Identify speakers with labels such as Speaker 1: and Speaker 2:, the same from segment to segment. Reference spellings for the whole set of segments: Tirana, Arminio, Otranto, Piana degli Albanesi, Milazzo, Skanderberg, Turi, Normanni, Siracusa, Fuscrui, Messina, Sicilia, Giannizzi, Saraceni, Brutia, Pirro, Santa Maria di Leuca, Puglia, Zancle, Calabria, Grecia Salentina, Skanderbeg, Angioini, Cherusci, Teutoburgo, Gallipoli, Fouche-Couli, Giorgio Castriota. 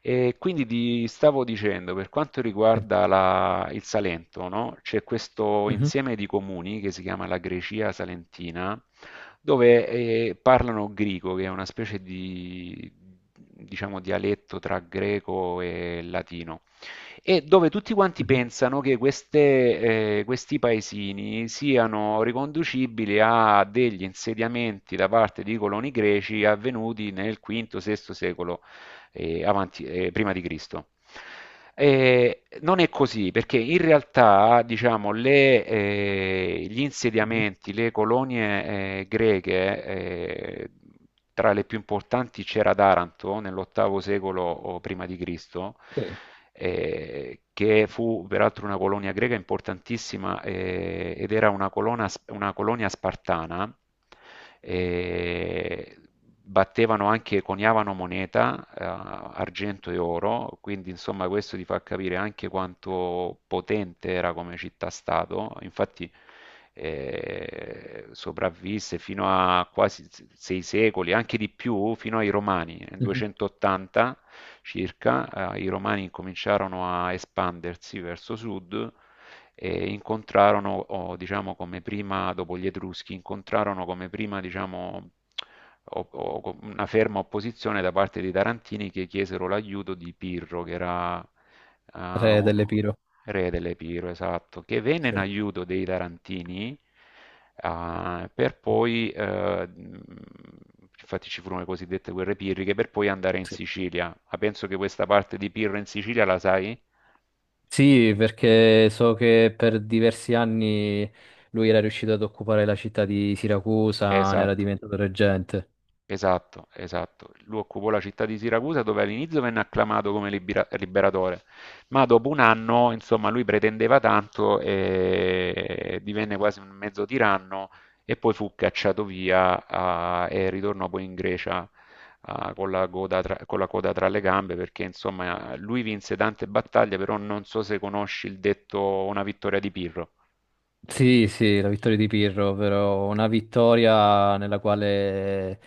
Speaker 1: E quindi ti stavo dicendo, per quanto
Speaker 2: Sì.
Speaker 1: riguarda il Salento, no? C'è questo
Speaker 2: Mhm,
Speaker 1: insieme di comuni che si chiama la Grecia Salentina, dove parlano greco, che è una specie di, diciamo, dialetto tra greco e latino e dove tutti quanti
Speaker 2: mhm,
Speaker 1: pensano che questi paesini siano riconducibili a degli insediamenti da parte di coloni greci avvenuti nel V-VI secolo prima di Cristo. Non è così, perché in realtà, diciamo, gli
Speaker 2: mhm.
Speaker 1: insediamenti, le colonie greche, tra le più importanti c'era Taranto nell'ottavo secolo o prima di Cristo,
Speaker 2: Sì.
Speaker 1: che fu peraltro una colonia greca importantissima ed era una colonia spartana e battevano anche, coniavano moneta, argento e oro, quindi insomma questo ti fa capire anche quanto potente era come città-stato. Infatti sopravvisse fino a quasi 6 secoli, anche di più, fino ai Romani, nel
Speaker 2: Mhm.
Speaker 1: 280 circa, i Romani cominciarono a espandersi verso sud e incontrarono, o, diciamo, come prima, dopo gli Etruschi, incontrarono come prima, diciamo, una ferma opposizione da parte dei Tarantini che chiesero l'aiuto di Pirro, che era eh,
Speaker 2: Re
Speaker 1: un-
Speaker 2: dell'Epiro.
Speaker 1: re delle Pirro, esatto, che venne
Speaker 2: Sì,
Speaker 1: in aiuto dei Tarantini. eh, per poi, eh, infatti ci furono le cosiddette guerre pirriche, per poi andare in
Speaker 2: sì.
Speaker 1: Sicilia. Ma penso che questa parte di Pirro in Sicilia la sai?
Speaker 2: Sì, perché so che per diversi anni lui era riuscito ad occupare la città di Siracusa, ne era
Speaker 1: Esatto.
Speaker 2: diventato reggente.
Speaker 1: Esatto, esatto. Lui occupò la città di Siracusa dove all'inizio venne acclamato come liberatore, ma dopo un anno, insomma, lui pretendeva tanto e divenne quasi un mezzo tiranno e poi fu cacciato via e ritornò poi in Grecia con con la coda tra le gambe perché, insomma, lui vinse tante battaglie, però non so se conosci il detto una vittoria di Pirro.
Speaker 2: Sì, sì, la vittoria di Pirro, però una vittoria nella quale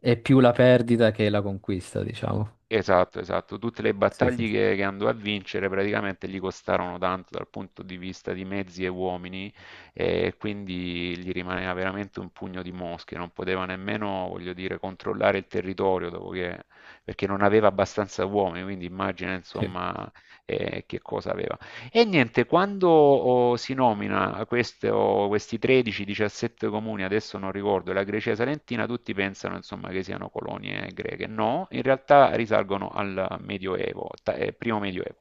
Speaker 2: è più la perdita che la conquista, diciamo.
Speaker 1: Esatto, esatto. Tutte le
Speaker 2: Sì, sì.
Speaker 1: battaglie che andò a vincere praticamente gli costarono tanto dal punto di vista di mezzi e uomini e quindi gli rimaneva veramente un pugno di mosche. Non poteva nemmeno, voglio dire, controllare il territorio perché non aveva abbastanza uomini, quindi immagina
Speaker 2: Sì.
Speaker 1: insomma che cosa aveva. E niente, quando si nomina questi 13-17 comuni, adesso non ricordo, la Grecia Salentina, tutti pensano insomma, che siano colonie greche. No, in realtà risalgono al Medioevo, primo Medioevo,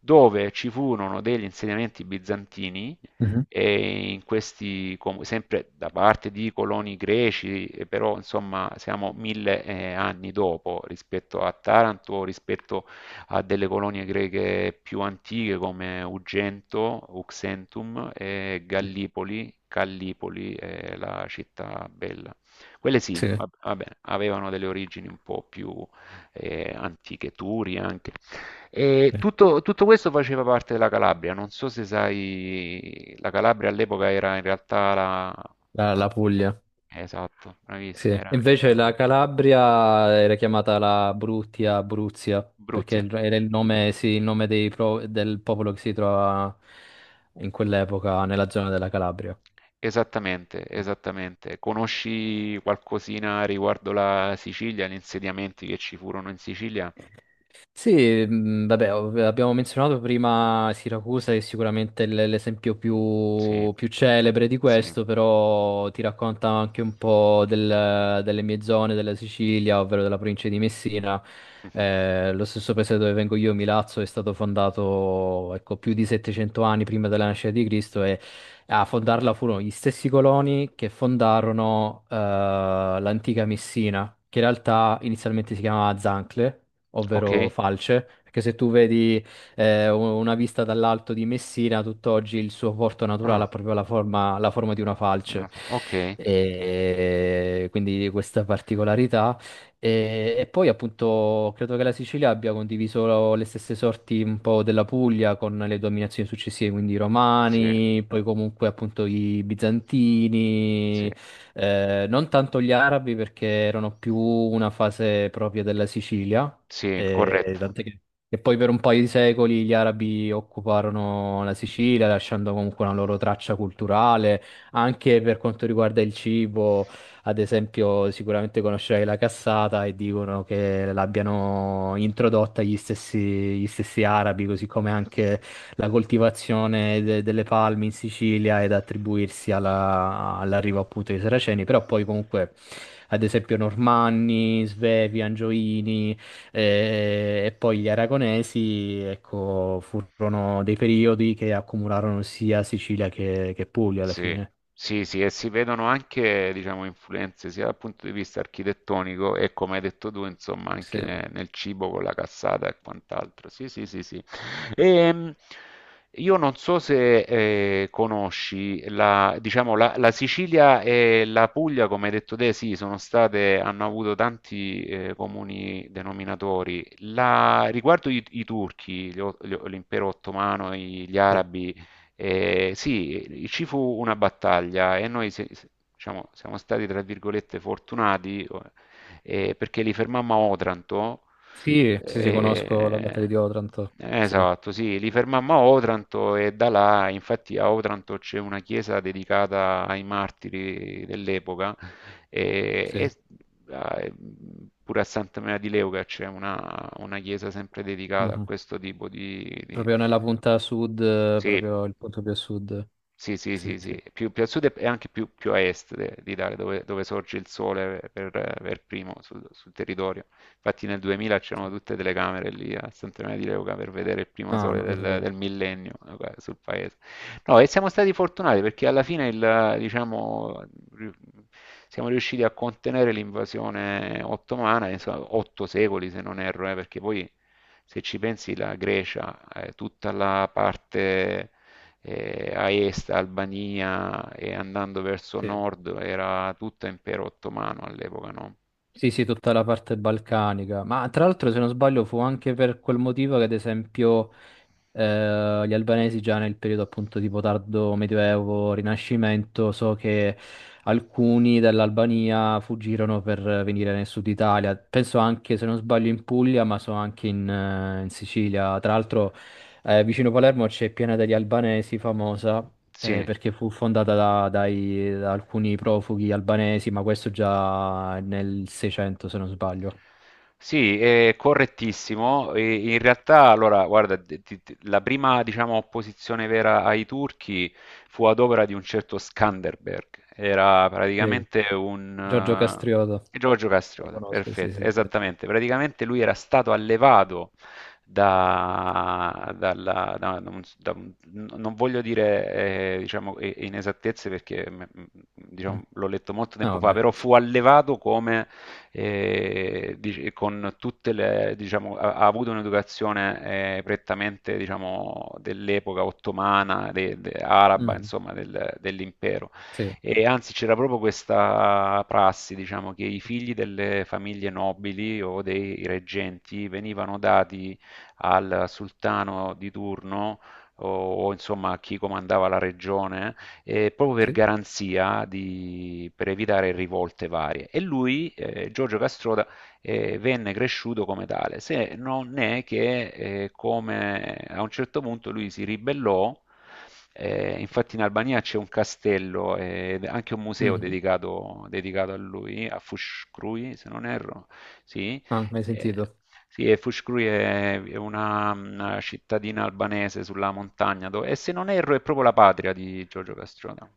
Speaker 1: dove ci furono degli insediamenti bizantini
Speaker 2: Mhm.
Speaker 1: e in questi comuni, sempre da parte di coloni greci, però insomma siamo 1.000 anni dopo rispetto a Taranto, rispetto a delle colonie greche più antiche come Ugento, Uxentum e
Speaker 2: Sì,
Speaker 1: Gallipoli, Callipoli è la città bella. Quelle sì, vabbè, avevano delle origini un po' più antiche, Turi anche. E
Speaker 2: sì,
Speaker 1: tutto questo faceva parte della Calabria, non so se sai, la Calabria all'epoca era in realtà la...
Speaker 2: la, la Puglia.
Speaker 1: Esatto, bravissima,
Speaker 2: Sì.
Speaker 1: era anche
Speaker 2: Invece
Speaker 1: la
Speaker 2: la Calabria era chiamata la Brutia, Abruzia, perché
Speaker 1: Abruzia.
Speaker 2: era il nome, sì, il nome del popolo che si trova in quell'epoca nella zona della Calabria.
Speaker 1: Esattamente, esattamente. Conosci qualcosina riguardo la Sicilia, gli insediamenti che ci furono in Sicilia?
Speaker 2: Sì, vabbè, abbiamo menzionato prima Siracusa, che è sicuramente l'esempio
Speaker 1: Sì,
Speaker 2: più, più celebre di
Speaker 1: sì.
Speaker 2: questo, però ti racconta anche un po' delle mie zone della Sicilia, ovvero della provincia di Messina.
Speaker 1: Mhm.
Speaker 2: Lo stesso paese dove vengo io, Milazzo, è stato fondato, ecco, più di 700 anni prima della nascita di Cristo, e a fondarla furono gli stessi coloni che fondarono l'antica Messina, che in realtà inizialmente si chiamava Zancle,
Speaker 1: Ok?
Speaker 2: ovvero falce, perché se tu vedi una vista dall'alto di Messina, tutt'oggi il suo porto naturale
Speaker 1: Ah,
Speaker 2: ha proprio la forma di una falce.
Speaker 1: ok.
Speaker 2: E quindi questa particolarità. E poi appunto credo che la Sicilia abbia condiviso le stesse sorti un po' della Puglia con le dominazioni successive, quindi i
Speaker 1: Sì,
Speaker 2: Romani, poi comunque appunto i
Speaker 1: sì,
Speaker 2: Bizantini, non tanto gli Arabi perché erano più una fase propria della Sicilia,
Speaker 1: sì,
Speaker 2: e
Speaker 1: corretto.
Speaker 2: tant'è che poi per un paio di secoli gli arabi occuparono la Sicilia, lasciando comunque una loro traccia culturale, anche per quanto riguarda il cibo. Ad esempio, sicuramente conoscerai la cassata e dicono che l'abbiano introdotta gli stessi arabi, così come anche la coltivazione delle palme in Sicilia ed attribuirsi all'arrivo appunto dei Saraceni, però poi comunque ad esempio Normanni, Svevi, Angioini, poi gli aragonesi, ecco, furono dei periodi che accumularono sia Sicilia che Puglia alla
Speaker 1: Sì,
Speaker 2: fine.
Speaker 1: sì, sì, e si vedono anche, diciamo, influenze sia dal punto di vista architettonico e come hai detto tu, insomma,
Speaker 2: Sì,
Speaker 1: anche nel cibo con la cassata e quant'altro. Sì, sì, sì, sì. Ehm, io non so se conosci la, diciamo, la Sicilia e la Puglia, come hai detto te, sì, sono state, hanno avuto tanti comuni denominatori. Riguardo i turchi, l'impero ottomano, gli
Speaker 2: sì.
Speaker 1: arabi, sì, ci fu una battaglia e noi diciamo, siamo stati, tra virgolette, fortunati perché li fermammo a Otranto.
Speaker 2: Sì, sì, sì, conosco la
Speaker 1: eh,
Speaker 2: battaglia di Otranto. Sì,
Speaker 1: Esatto, sì, li fermammo a Otranto e da là, infatti a Otranto c'è una chiesa dedicata ai martiri dell'epoca e,
Speaker 2: sì.
Speaker 1: e- e pure a Santa Maria di Leuca c'è una chiesa sempre dedicata a
Speaker 2: Mhm.
Speaker 1: questo tipo.
Speaker 2: Proprio nella punta sud,
Speaker 1: Sì,
Speaker 2: proprio il punto più a sud.
Speaker 1: sì, sì,
Speaker 2: Sì,
Speaker 1: sì,
Speaker 2: sì.
Speaker 1: sì, più a sud e anche più a est d'Italia, dove sorge il sole per primo sul territorio. Infatti nel 2000 c'erano
Speaker 2: Sì.
Speaker 1: tutte telecamere lì a Sant'Emilio di Leuca per vedere il primo
Speaker 2: Ah,
Speaker 1: sole
Speaker 2: non lo
Speaker 1: del,
Speaker 2: sapevo.
Speaker 1: del millennio sul paese. No, e siamo stati fortunati perché alla fine diciamo, ri- siamo riusciti a contenere l'invasione ottomana, insomma, 8 secoli se non erro, perché poi se ci pensi la Grecia, tutta la parte a est, Albania e andando verso
Speaker 2: Sì.
Speaker 1: nord era tutto impero ottomano all'epoca, no?
Speaker 2: Sì, sì, tutta la parte balcanica, ma tra l'altro se non sbaglio fu anche per quel motivo che ad esempio gli albanesi già nel periodo appunto tipo tardo Medioevo, Rinascimento, so che alcuni dell'Albania fuggirono per venire nel sud Italia, penso anche se non sbaglio in Puglia, ma so anche in, in Sicilia, tra l'altro vicino Palermo c'è Piana degli Albanesi famosa,
Speaker 1: Sì,
Speaker 2: perché fu fondata da, da alcuni profughi albanesi, ma questo già nel 600, se non sbaglio.
Speaker 1: sì, è correttissimo. E in realtà, allora, guarda, la prima, diciamo, opposizione vera ai turchi fu ad opera di un certo Skanderberg. Era
Speaker 2: Sì,
Speaker 1: praticamente un...
Speaker 2: Giorgio Castriota,
Speaker 1: Giorgio
Speaker 2: lo
Speaker 1: Castriota,
Speaker 2: conosco, sì,
Speaker 1: perfetto,
Speaker 2: sì. Sì.
Speaker 1: esattamente. Praticamente lui era stato allevato da, dalla- da- da un- non voglio dire, diciamo, inesattezze perché,
Speaker 2: Mm.
Speaker 1: diciamo, l'ho letto molto
Speaker 2: Ah,
Speaker 1: tempo fa,
Speaker 2: vabbè.
Speaker 1: però fu allevato come con tutte le, diciamo, ha avuto un'educazione prettamente, diciamo, dell'epoca ottomana, araba,
Speaker 2: Mm.
Speaker 1: insomma, dell'impero.
Speaker 2: Sì.
Speaker 1: E anzi, c'era proprio questa prassi, diciamo, che i figli delle famiglie nobili o dei reggenti venivano dati al sultano di turno insomma a chi comandava la regione proprio per
Speaker 2: Sì?
Speaker 1: garanzia, per evitare rivolte varie. E lui, Giorgio Castroda, venne cresciuto come tale, se non è che come a un certo punto lui si ribellò, infatti in Albania c'è un castello e anche un museo
Speaker 2: Mhm.
Speaker 1: dedicato a lui, a Fuscrui, se non erro, sì,
Speaker 2: Ah, mai
Speaker 1: eh,
Speaker 2: sentito?
Speaker 1: sì, e Fouche-Couli è una cittadina albanese sulla montagna, e se non erro è proprio la patria di Giorgio Castrota.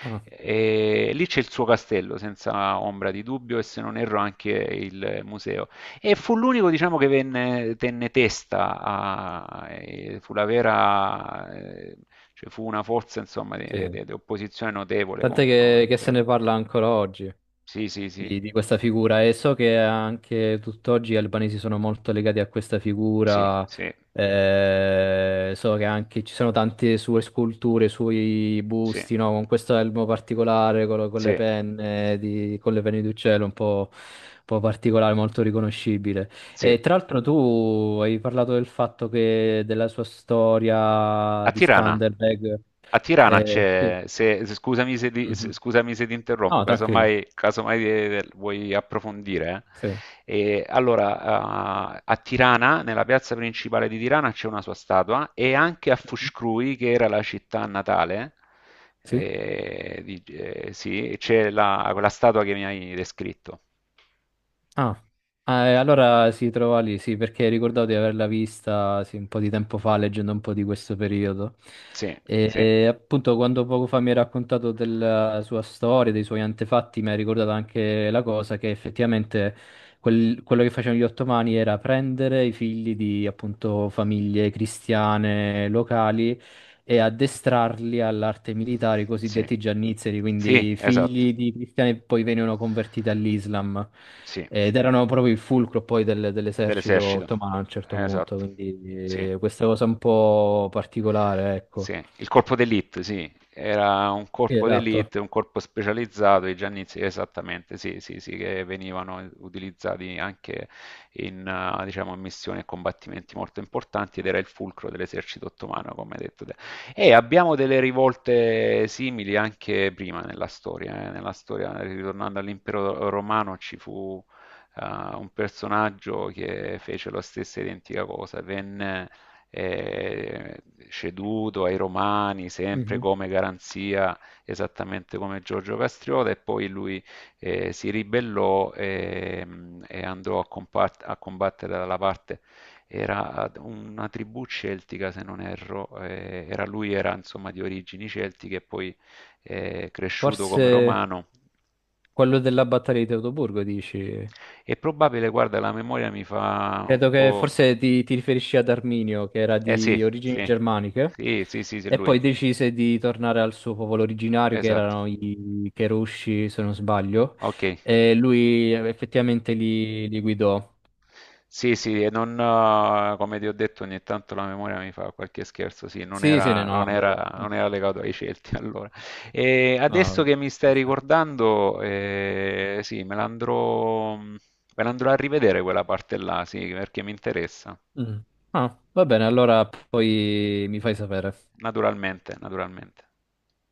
Speaker 2: Ah,
Speaker 1: E lì c'è il suo castello, senza ombra di dubbio, e se non erro anche il museo. E fu l'unico, diciamo, che tenne testa, e fu la vera, cioè fu una forza, insomma, di,
Speaker 2: sì.
Speaker 1: di- di opposizione notevole
Speaker 2: Tant'è
Speaker 1: contro
Speaker 2: che se
Speaker 1: l'impero.
Speaker 2: ne parla ancora oggi,
Speaker 1: Sì, sì, sì,
Speaker 2: di questa figura, e so che anche tutt'oggi gli albanesi sono molto legati a questa
Speaker 1: sì,
Speaker 2: figura.
Speaker 1: sì,
Speaker 2: So che anche ci sono tante sue sculture, suoi
Speaker 1: sì,
Speaker 2: busti, no? Con questo elmo particolare, con, con le
Speaker 1: sì.
Speaker 2: penne di, con le penne di uccello, un po' particolare, molto riconoscibile.
Speaker 1: Sì,
Speaker 2: E tra l'altro tu hai parlato del fatto che della sua storia
Speaker 1: a
Speaker 2: di
Speaker 1: Tirana.
Speaker 2: Skanderbeg.
Speaker 1: A Tirana
Speaker 2: Sì.
Speaker 1: c'è, scusami se,
Speaker 2: Mhm.
Speaker 1: scusami se ti interrompo,
Speaker 2: No, tranquillo.
Speaker 1: casomai vuoi approfondire.
Speaker 2: Sì.
Speaker 1: E allora, a Tirana, nella piazza principale di Tirana, c'è una sua statua e anche a Fuscrui, che era la città natale,
Speaker 2: Sì.
Speaker 1: sì, c'è quella statua che mi hai descritto.
Speaker 2: Ah. Ah, e allora si trova lì, sì, perché ricordavo di averla vista sì, un po' di tempo fa, leggendo un po' di questo periodo.
Speaker 1: Sì, sì.
Speaker 2: E, appunto, quando poco fa mi hai raccontato della sua storia, dei suoi antefatti, mi hai ricordato anche la cosa che effettivamente quello che facevano gli ottomani era prendere i figli di appunto famiglie cristiane locali e addestrarli all'arte militare, i
Speaker 1: Sì.
Speaker 2: cosiddetti giannizzeri,
Speaker 1: Sì,
Speaker 2: quindi
Speaker 1: esatto.
Speaker 2: figli di cristiani che poi venivano convertiti all'Islam
Speaker 1: Sì,
Speaker 2: ed erano proprio il fulcro poi dell'esercito
Speaker 1: dell'esercito.
Speaker 2: ottomano a un certo punto,
Speaker 1: Esatto. Sì.
Speaker 2: quindi questa cosa un po' particolare,
Speaker 1: Sì,
Speaker 2: ecco.
Speaker 1: il corpo d'elite, sì, era un
Speaker 2: Sì,
Speaker 1: corpo
Speaker 2: esatto.
Speaker 1: d'elite, un corpo specializzato, i Giannizzi, esattamente, sì, sì, sì, che venivano utilizzati anche diciamo, in missioni e combattimenti molto importanti ed era il fulcro dell'esercito ottomano, come hai detto te. E abbiamo delle rivolte simili anche prima nella storia, ritornando all'impero romano, ci fu un personaggio che fece la stessa identica cosa, venne eh, ceduto ai Romani, sempre
Speaker 2: Mhm.
Speaker 1: come garanzia, esattamente come Giorgio Castriota, e poi lui si ribellò e andò a combattere dalla parte era una tribù celtica, se non erro, lui era insomma di origini celtiche e poi cresciuto come
Speaker 2: Forse
Speaker 1: romano.
Speaker 2: quello della battaglia di Teutoburgo, dici?
Speaker 1: È probabile, guarda, la memoria mi fa un
Speaker 2: Credo che
Speaker 1: po'.
Speaker 2: forse ti, ti riferisci ad Arminio, che era
Speaker 1: Eh sì,
Speaker 2: di origini
Speaker 1: sì,
Speaker 2: germaniche.
Speaker 1: sì, sì, sì, sì,
Speaker 2: E
Speaker 1: lui,
Speaker 2: poi decise di tornare al suo popolo originario, che
Speaker 1: esatto.
Speaker 2: erano i Cherusci, se non sbaglio,
Speaker 1: Ok,
Speaker 2: e lui effettivamente li, li guidò.
Speaker 1: sì, sì, e non, come ti ho detto, ogni tanto la memoria mi fa qualche scherzo, sì, non
Speaker 2: Sì, sì,
Speaker 1: era,
Speaker 2: no, no,
Speaker 1: non
Speaker 2: vabbè.
Speaker 1: era- non era legato ai Celti allora. E adesso
Speaker 2: No,
Speaker 1: che mi
Speaker 2: ci
Speaker 1: stai
Speaker 2: sta.
Speaker 1: ricordando, sì, me l'andrò a rivedere quella parte là, sì, perché mi interessa,
Speaker 2: Mm. Ah, va bene, allora poi mi fai sapere.
Speaker 1: naturalmente, naturalmente.